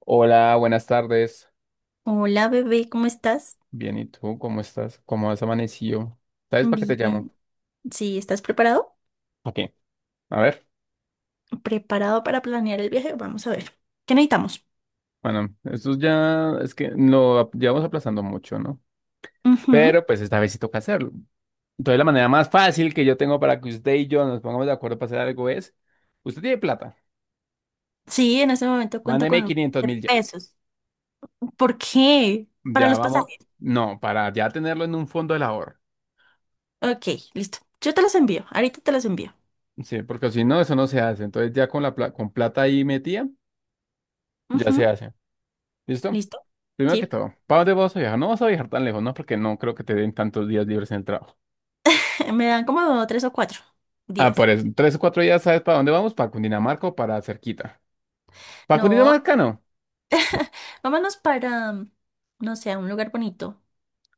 Hola, buenas tardes. Hola bebé, ¿cómo estás? Bien, ¿y tú cómo estás? ¿Cómo has amanecido? ¿Sabes para qué te llamo? Bien. Sí, ¿estás preparado? ¿Para qué? A ver, ¿Preparado para planear el viaje? Vamos a ver. ¿Qué necesitamos? bueno, esto ya es que lo llevamos aplazando mucho, ¿no? Ujú. Pero pues esta vez sí toca hacerlo. Entonces la manera más fácil que yo tengo para que usted y yo nos pongamos de acuerdo para hacer algo es, usted tiene plata, Sí, en este momento cuento con mándeme un millón quinientos de mil ya. pesos. ¿Por qué? Para Ya los vamos, pasajes. no, para ya tenerlo en un fondo del ahorro. Ok, listo. Yo te los envío. Ahorita te los envío. Sí, porque si no, eso no se hace. Entonces ya con plata ahí metida, ya se Ujú. hace. ¿Listo? ¿Listo? Primero que Sí. todo, ¿para dónde vas a viajar? No vas a viajar tan lejos, ¿no? Porque no creo que te den tantos días libres en el trabajo. Me dan como tres o cuatro Ah, por días. eso, 3 o 4 días, ¿sabes para dónde vamos? Para Cundinamarca o para cerquita. ¿Para No, Cundinamarca no? vámonos para, no sé, a un lugar bonito.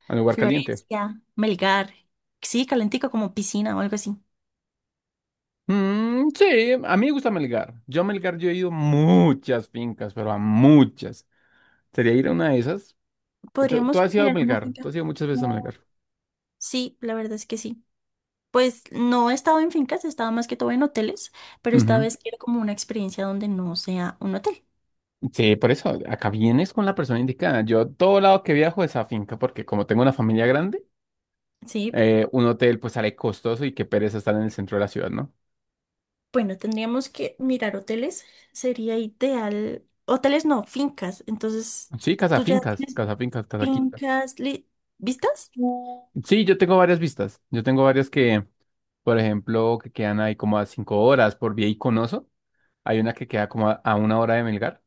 A un lugar caliente. Florencia, Melgar. Sí, calentico como piscina o algo así. Mm, sí, a mí me gusta Melgar. Yo a Melgar yo he ido muchas fincas, pero a muchas. ¿Sería ir a una de esas? ¿Tú Podríamos has ido a mirar una Melgar? ¿Tú finca. has ido muchas veces a Melgar? Sí, la verdad es que sí. Pues no he estado en fincas, he estado más que todo en hoteles, pero esta Ujú. vez quiero como una experiencia donde no sea un hotel. Sí, por eso, acá vienes con la persona indicada. Yo todo lado que viajo es a finca, porque como tengo una familia grande, Sí, un hotel pues sale costoso y qué pereza estar en el centro de la ciudad, ¿no? bueno, tendríamos que mirar hoteles, sería ideal. Hoteles no, fincas. Entonces, Sí, ¿tú ya casafincas, tienes casafincas, casaquita. fincas vistas? Mm, Sí, yo tengo varias vistas. Yo tengo varias que, por ejemplo, que quedan ahí como a 5 horas por Vía Iconoso. Hay una que queda como a una hora de Melgar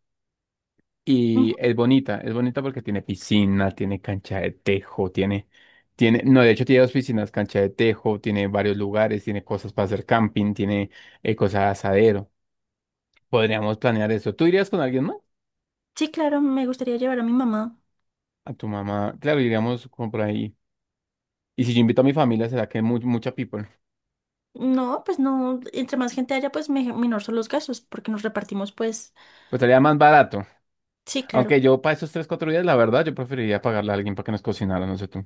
y es bonita porque tiene piscina, tiene cancha de tejo, tiene, tiene, no, de hecho tiene dos piscinas, cancha de tejo, tiene varios lugares, tiene cosas para hacer camping, tiene cosas de asadero. Podríamos planear eso. ¿Tú irías con alguien más? sí, claro, me gustaría llevar a mi mamá. A tu mamá. Claro, iríamos como por ahí. Y si yo invito a mi familia, será que mucha people. No, pues no, entre más gente haya, pues menor son los gastos, porque nos repartimos, pues, Pues estaría más barato. sí, claro. Aunque yo para esos tres, cuatro días, la verdad, yo preferiría pagarle a alguien para que nos cocinara, no sé tú.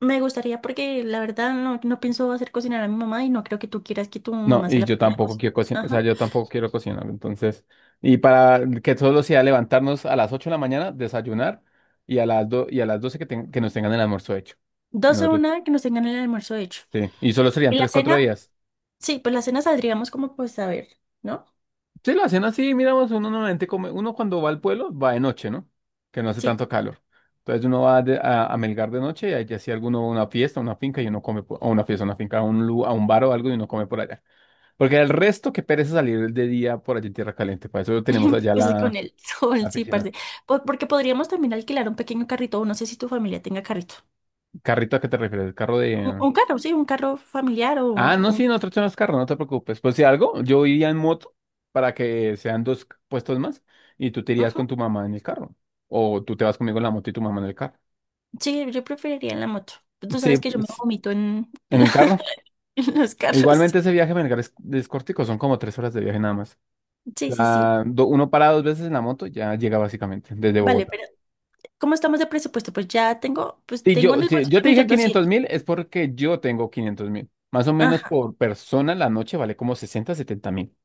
Me gustaría porque la verdad no, no pienso hacer cocinar a mi mamá y no creo que tú quieras que tu No, mamá se y la yo ponga a tampoco cocinar. quiero cocinar, o sea, Ajá. yo tampoco quiero cocinar, entonces. Y para que solo sea levantarnos a las 8 de la mañana, desayunar, y a las 12 que, que nos tengan el almuerzo hecho. Y Doce nosotros, una que nos tengan el almuerzo hecho. sí. Y solo serían ¿Y la tres, cuatro cena? días. Sí, pues la cena saldríamos como pues a ver, ¿no? Sí, la cena sí, miramos, uno normalmente come, uno cuando va al pueblo va de noche, ¿no? Que no hace Sí. tanto calor. Entonces uno va a Melgar de noche y allá si alguno va a una fiesta, una finca y uno come, o una fiesta, una finca, a un bar o algo y uno come por allá. Porque el resto que pereza salir de día por allá en Tierra Caliente, para eso tenemos allá Pues con la, el sol, la sí, piscina. parce. Porque podríamos también alquilar un pequeño carrito, o no sé si tu familia tenga carrito. ¿Carrito a qué te refieres? ¿El carro Un, de...? un carro, sí, un carro familiar o Ah, no, un- sí, nosotros tenemos carro, no te preocupes. Pues si algo, yo iría en moto para que sean dos puestos más y tú te irías ujú. con tu mamá en el carro. O tú te vas conmigo en la moto y tu mamá en el carro. Sí, yo preferiría la moto. Tú Sí, sabes que yo me pues, vomito en un carro. en los E carros. Igualmente ese viaje me es cortico, son como 3 horas de viaje nada más. Sí, O sí, sí. Sí. sea, uno para dos veces en la moto, ya llega básicamente desde Vale, Bogotá. pero... ¿Cómo estamos de presupuesto? Pues ya tengo, pues Sí, tengo en el si bolsillo yo te un dije millón quinientos doscientos. mil, es porque yo tengo 500.000. Más o menos Ajá. por persona la noche vale como 60 70 mil.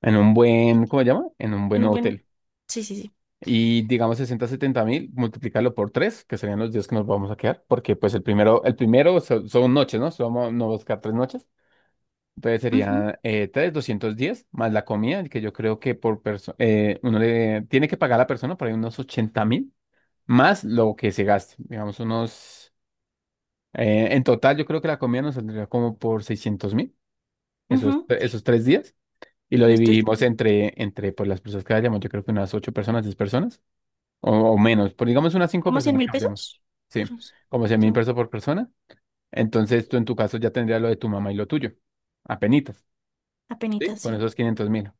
En un buen, ¿cómo se llama? En un En buen un buen. hotel. Sí, sí, sí. Y digamos 60 70 mil, multiplicarlo por tres, que serían los días que nos vamos a quedar, porque pues el primero son noches, ¿no? Somos, no vamos a quedar 3 noches. Entonces Ujú, serían doscientos 210 más la comida, que yo creo que por persona, uno le tiene que pagar a la persona por ahí unos 80.000, más lo que se gaste. Digamos, unos. En total, yo creo que la comida nos saldría como por 600.000, esos, ujú. esos tres días, y lo Los tres. dividimos entre, entre pues, las personas que vayamos. Yo creo que unas 8 personas, 10 personas, o menos, por digamos unas 5 ¿Como cien personas que mil vayamos. pesos? Sí, Pues, como cien mil son pesos por persona. Entonces tú en tu caso ya tendrías lo de tu mamá y lo tuyo, apenitas. Sí, apenitas, con sí. esos 500.000.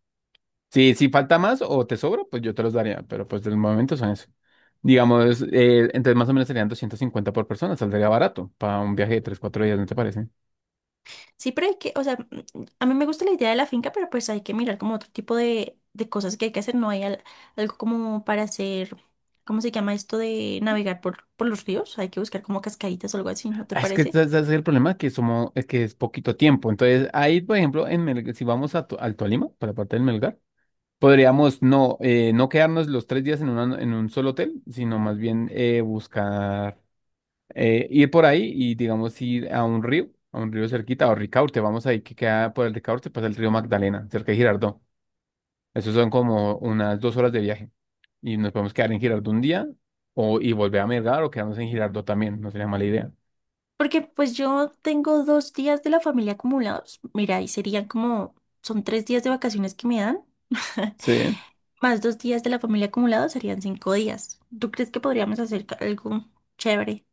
si, falta más o te sobra, pues yo te los daría, pero pues del momento son eso. Digamos, entonces más o menos serían 250 por persona, saldría barato para un viaje de 3 4 días, ¿no te parece? Sí, pero hay que, o sea, a mí me gusta la idea de la finca, pero pues hay que mirar como otro tipo de cosas que hay que hacer. No hay algo como para hacer, ¿cómo se llama esto de navegar por los ríos? Hay que buscar como cascaditas o algo así, ¿no te Ah, es que parece? ese es el problema, que somos, es que es poquito tiempo. Entonces, ahí, por ejemplo, si vamos al Tolima, para la parte del Melgar, podríamos no quedarnos los tres días en un solo hotel, sino más bien buscar. Ir por ahí y, digamos, ir a un río cerquita, o Ricaurte, vamos ahí que queda por el Ricaurte, pasa el río Magdalena, cerca de Girardot. Eso son como unas 2 horas de viaje. Y nos podemos quedar en Girardot un día, o y volver a Melgar, o quedarnos en Girardot también, no sería mala idea. Porque pues yo tengo 2 días de la familia acumulados. Mira, y serían como, son 3 días de vacaciones que me dan, Sí. más 2 días de la familia acumulados serían 5 días. ¿Tú crees que podríamos hacer algo chévere?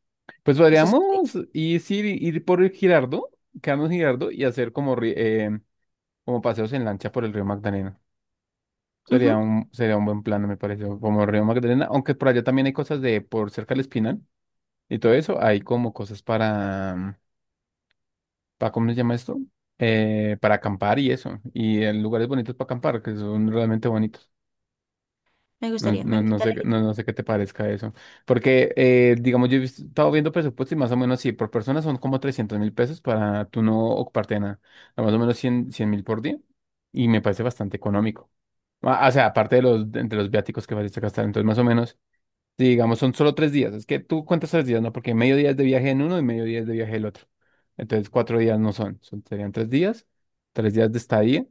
Pues Eso sí. Sí. podríamos ir, sí, ir por el Girardot, quedarnos en Girardot y hacer como paseos en lancha por el río Magdalena. Ujú. Sería un buen plan, me parece, como el río Magdalena, aunque por allá también hay cosas de por cerca del Espinal y todo eso, hay como cosas para ¿cómo se llama esto? Para acampar y eso, y en lugares bonitos para acampar, que son realmente bonitos. Me No, gustaría, me no, no gusta sé, la no, idea. no sé qué te parezca eso. Porque, digamos, yo he estado viendo presupuestos y más o menos, sí, por persona son como 300.000 pesos para tú no ocuparte de nada. Más o menos 100.000 por día. Y me parece bastante económico. Ah, o sea, aparte de los, entre los viáticos que vas a gastar. Entonces, más o menos, sí, digamos, son solo tres días. Es que tú cuentas tres días, ¿no? Porque medio día es de viaje en uno y medio día es de viaje el otro. Entonces, cuatro días no son. Serían tres días de estadía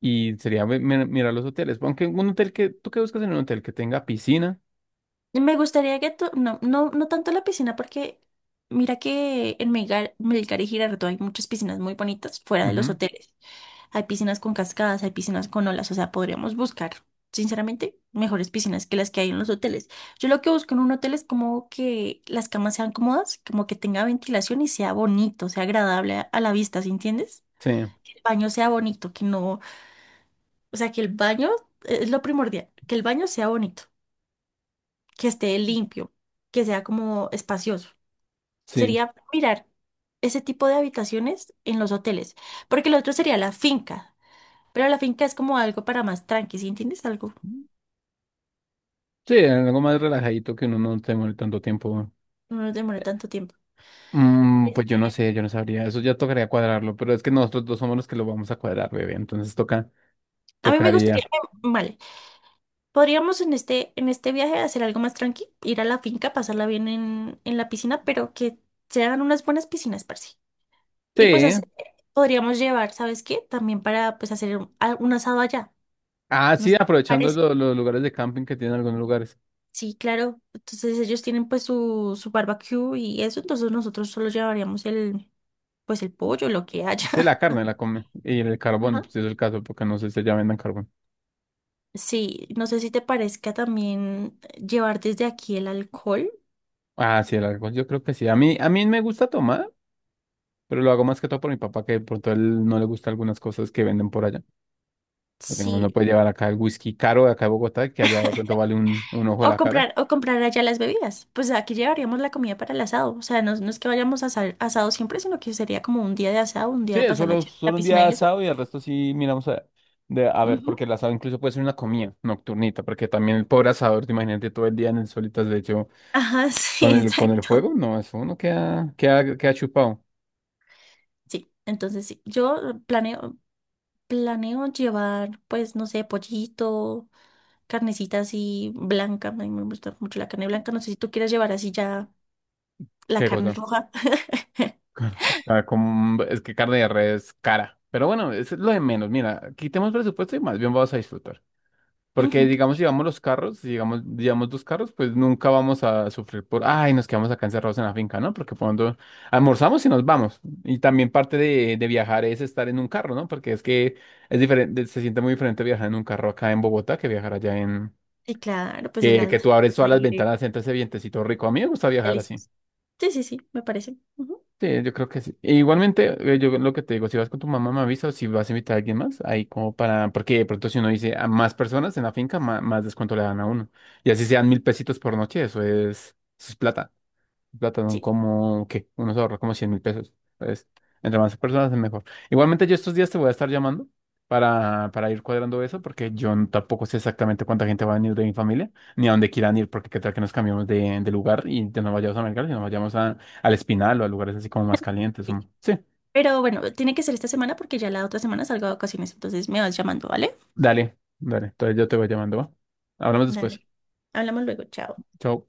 y sería mirar los hoteles. Aunque un hotel que, ¿tú qué buscas en un hotel? Que tenga piscina. Y me gustaría que tú, no, no, no tanto la piscina porque mira que en Melgar, Melgar y Girardot hay muchas piscinas muy bonitas fuera de los Ujú. hoteles. Hay piscinas con cascadas, hay piscinas con olas, o sea, podríamos buscar, sinceramente, mejores piscinas que las que hay en los hoteles. Yo lo que busco en un hotel es como que las camas sean cómodas, como que tenga ventilación y sea bonito, sea agradable a la vista, ¿sí entiendes? Sí, Que el baño sea bonito, que no, o sea, que el baño es lo primordial, que el baño sea bonito, que esté limpio, que sea como espacioso. sí. Sería mirar ese tipo de habitaciones en los hoteles, porque lo otro sería la finca. Pero la finca es como algo para más tranqui, ¿sí entiendes algo? Sí, algo más relajadito que uno no tenga tanto tiempo. No nos demore Eh, tanto tiempo. Pues yo no sé, yo no sabría. Eso ya tocaría cuadrarlo, pero es que nosotros dos somos los que lo vamos a cuadrar, bebé. Entonces toca, A mí me gustaría, tocaría. vale, podríamos en este viaje hacer algo más tranqui, ir a la finca, pasarla bien en la piscina, pero que sean unas buenas piscinas, parce. Y pues Sí, hacer- podríamos llevar, ¿sabes qué? También para pues hacer un asado allá, ah, ¿no sí, sé qué te aprovechando parece? Los lugares de camping que tienen algunos lugares. Sí, claro. Entonces ellos tienen pues su barbecue y eso, entonces nosotros solo llevaríamos el, pues el pollo, lo que Sí, haya. la carne la come. Y el carbón, Ajá. pues es el caso, porque no sé si ya vendan carbón. Sí, no sé si te parezca también llevar desde aquí el alcohol. Ah, sí, el alcohol, yo creo que sí. A mí me gusta tomar, pero lo hago más que todo por mi papá, que por todo él no le gusta algunas cosas que venden por allá. Porque uno Sí. puede llevar acá el whisky caro de acá de Bogotá, que allá de pronto vale un ojo de la cara. O comprar allá las bebidas. Pues aquí llevaríamos la comida para el asado. O sea, no, no es que vayamos a asado siempre, sino que sería como un día de asado, un día de Sí, pasar la, solo, ch- la solo un día de piscina y eso. asado y el resto sí miramos a, de, a ver, porque Ujú. el asado incluso puede ser una comida nocturnita, porque también el pobre asador, te imagínate todo el día en el solitas de hecho. Ajá, Con sí, el, con el exacto. fuego, no, eso uno queda, queda, queda chupado. Sí, entonces sí, yo planeo, planeo llevar, pues, no sé, pollito, carnecita así blanca. A mí me gusta mucho la carne blanca. No sé si tú quieres llevar así ya la Qué carne cosa. roja. Ah, es que carne de res es cara. Pero bueno, es lo de menos. Mira, quitemos presupuesto y más bien vamos a disfrutar. Porque Ujú. digamos, si vamos los carros, si digamos, llevamos dos carros, pues nunca vamos a sufrir por, ay, nos quedamos acá encerrados en la finca, ¿no? Porque cuando almorzamos y nos vamos. Y también parte de viajar es estar en un carro, ¿no? Porque es que es diferente, se siente muy diferente viajar en un carro acá en Bogotá que viajar allá en, Sí, claro, pues el, a- que el tú abres todas las aire ventanas, sientes ese vientecito rico. A mí me gusta viajar así. delicioso. Sí, sí, sí, me parece. Ujú. Sí, yo creo que sí. E igualmente, yo lo que te digo, si vas con tu mamá, me avisa o si vas a invitar a alguien más, ahí como para, porque de pronto si uno dice a más personas en la finca, más, descuento le dan a uno. Y así sean 1.000 pesitos por noche, eso es plata plátano Sí, como, ¿qué? Uno se ahorra como 100.000 pesos. Entonces, entre más personas es mejor. Igualmente yo estos días te voy a estar llamando para ir cuadrando eso, porque yo tampoco sé exactamente cuánta gente va a venir de mi familia, ni a dónde quieran ir, porque qué tal que nos cambiamos de lugar y ya no vayamos a Melgar, sino vayamos al Espinal o a lugares así como más calientes. sí. Sí, Pero bueno, tiene que ser esta semana porque ya la otra semana salgo de vacaciones, entonces me vas llamando, ¿vale? dale, dale. Entonces yo te voy llamando, ¿va? Hablamos después. Dale. Hablamos luego, chao. Chao.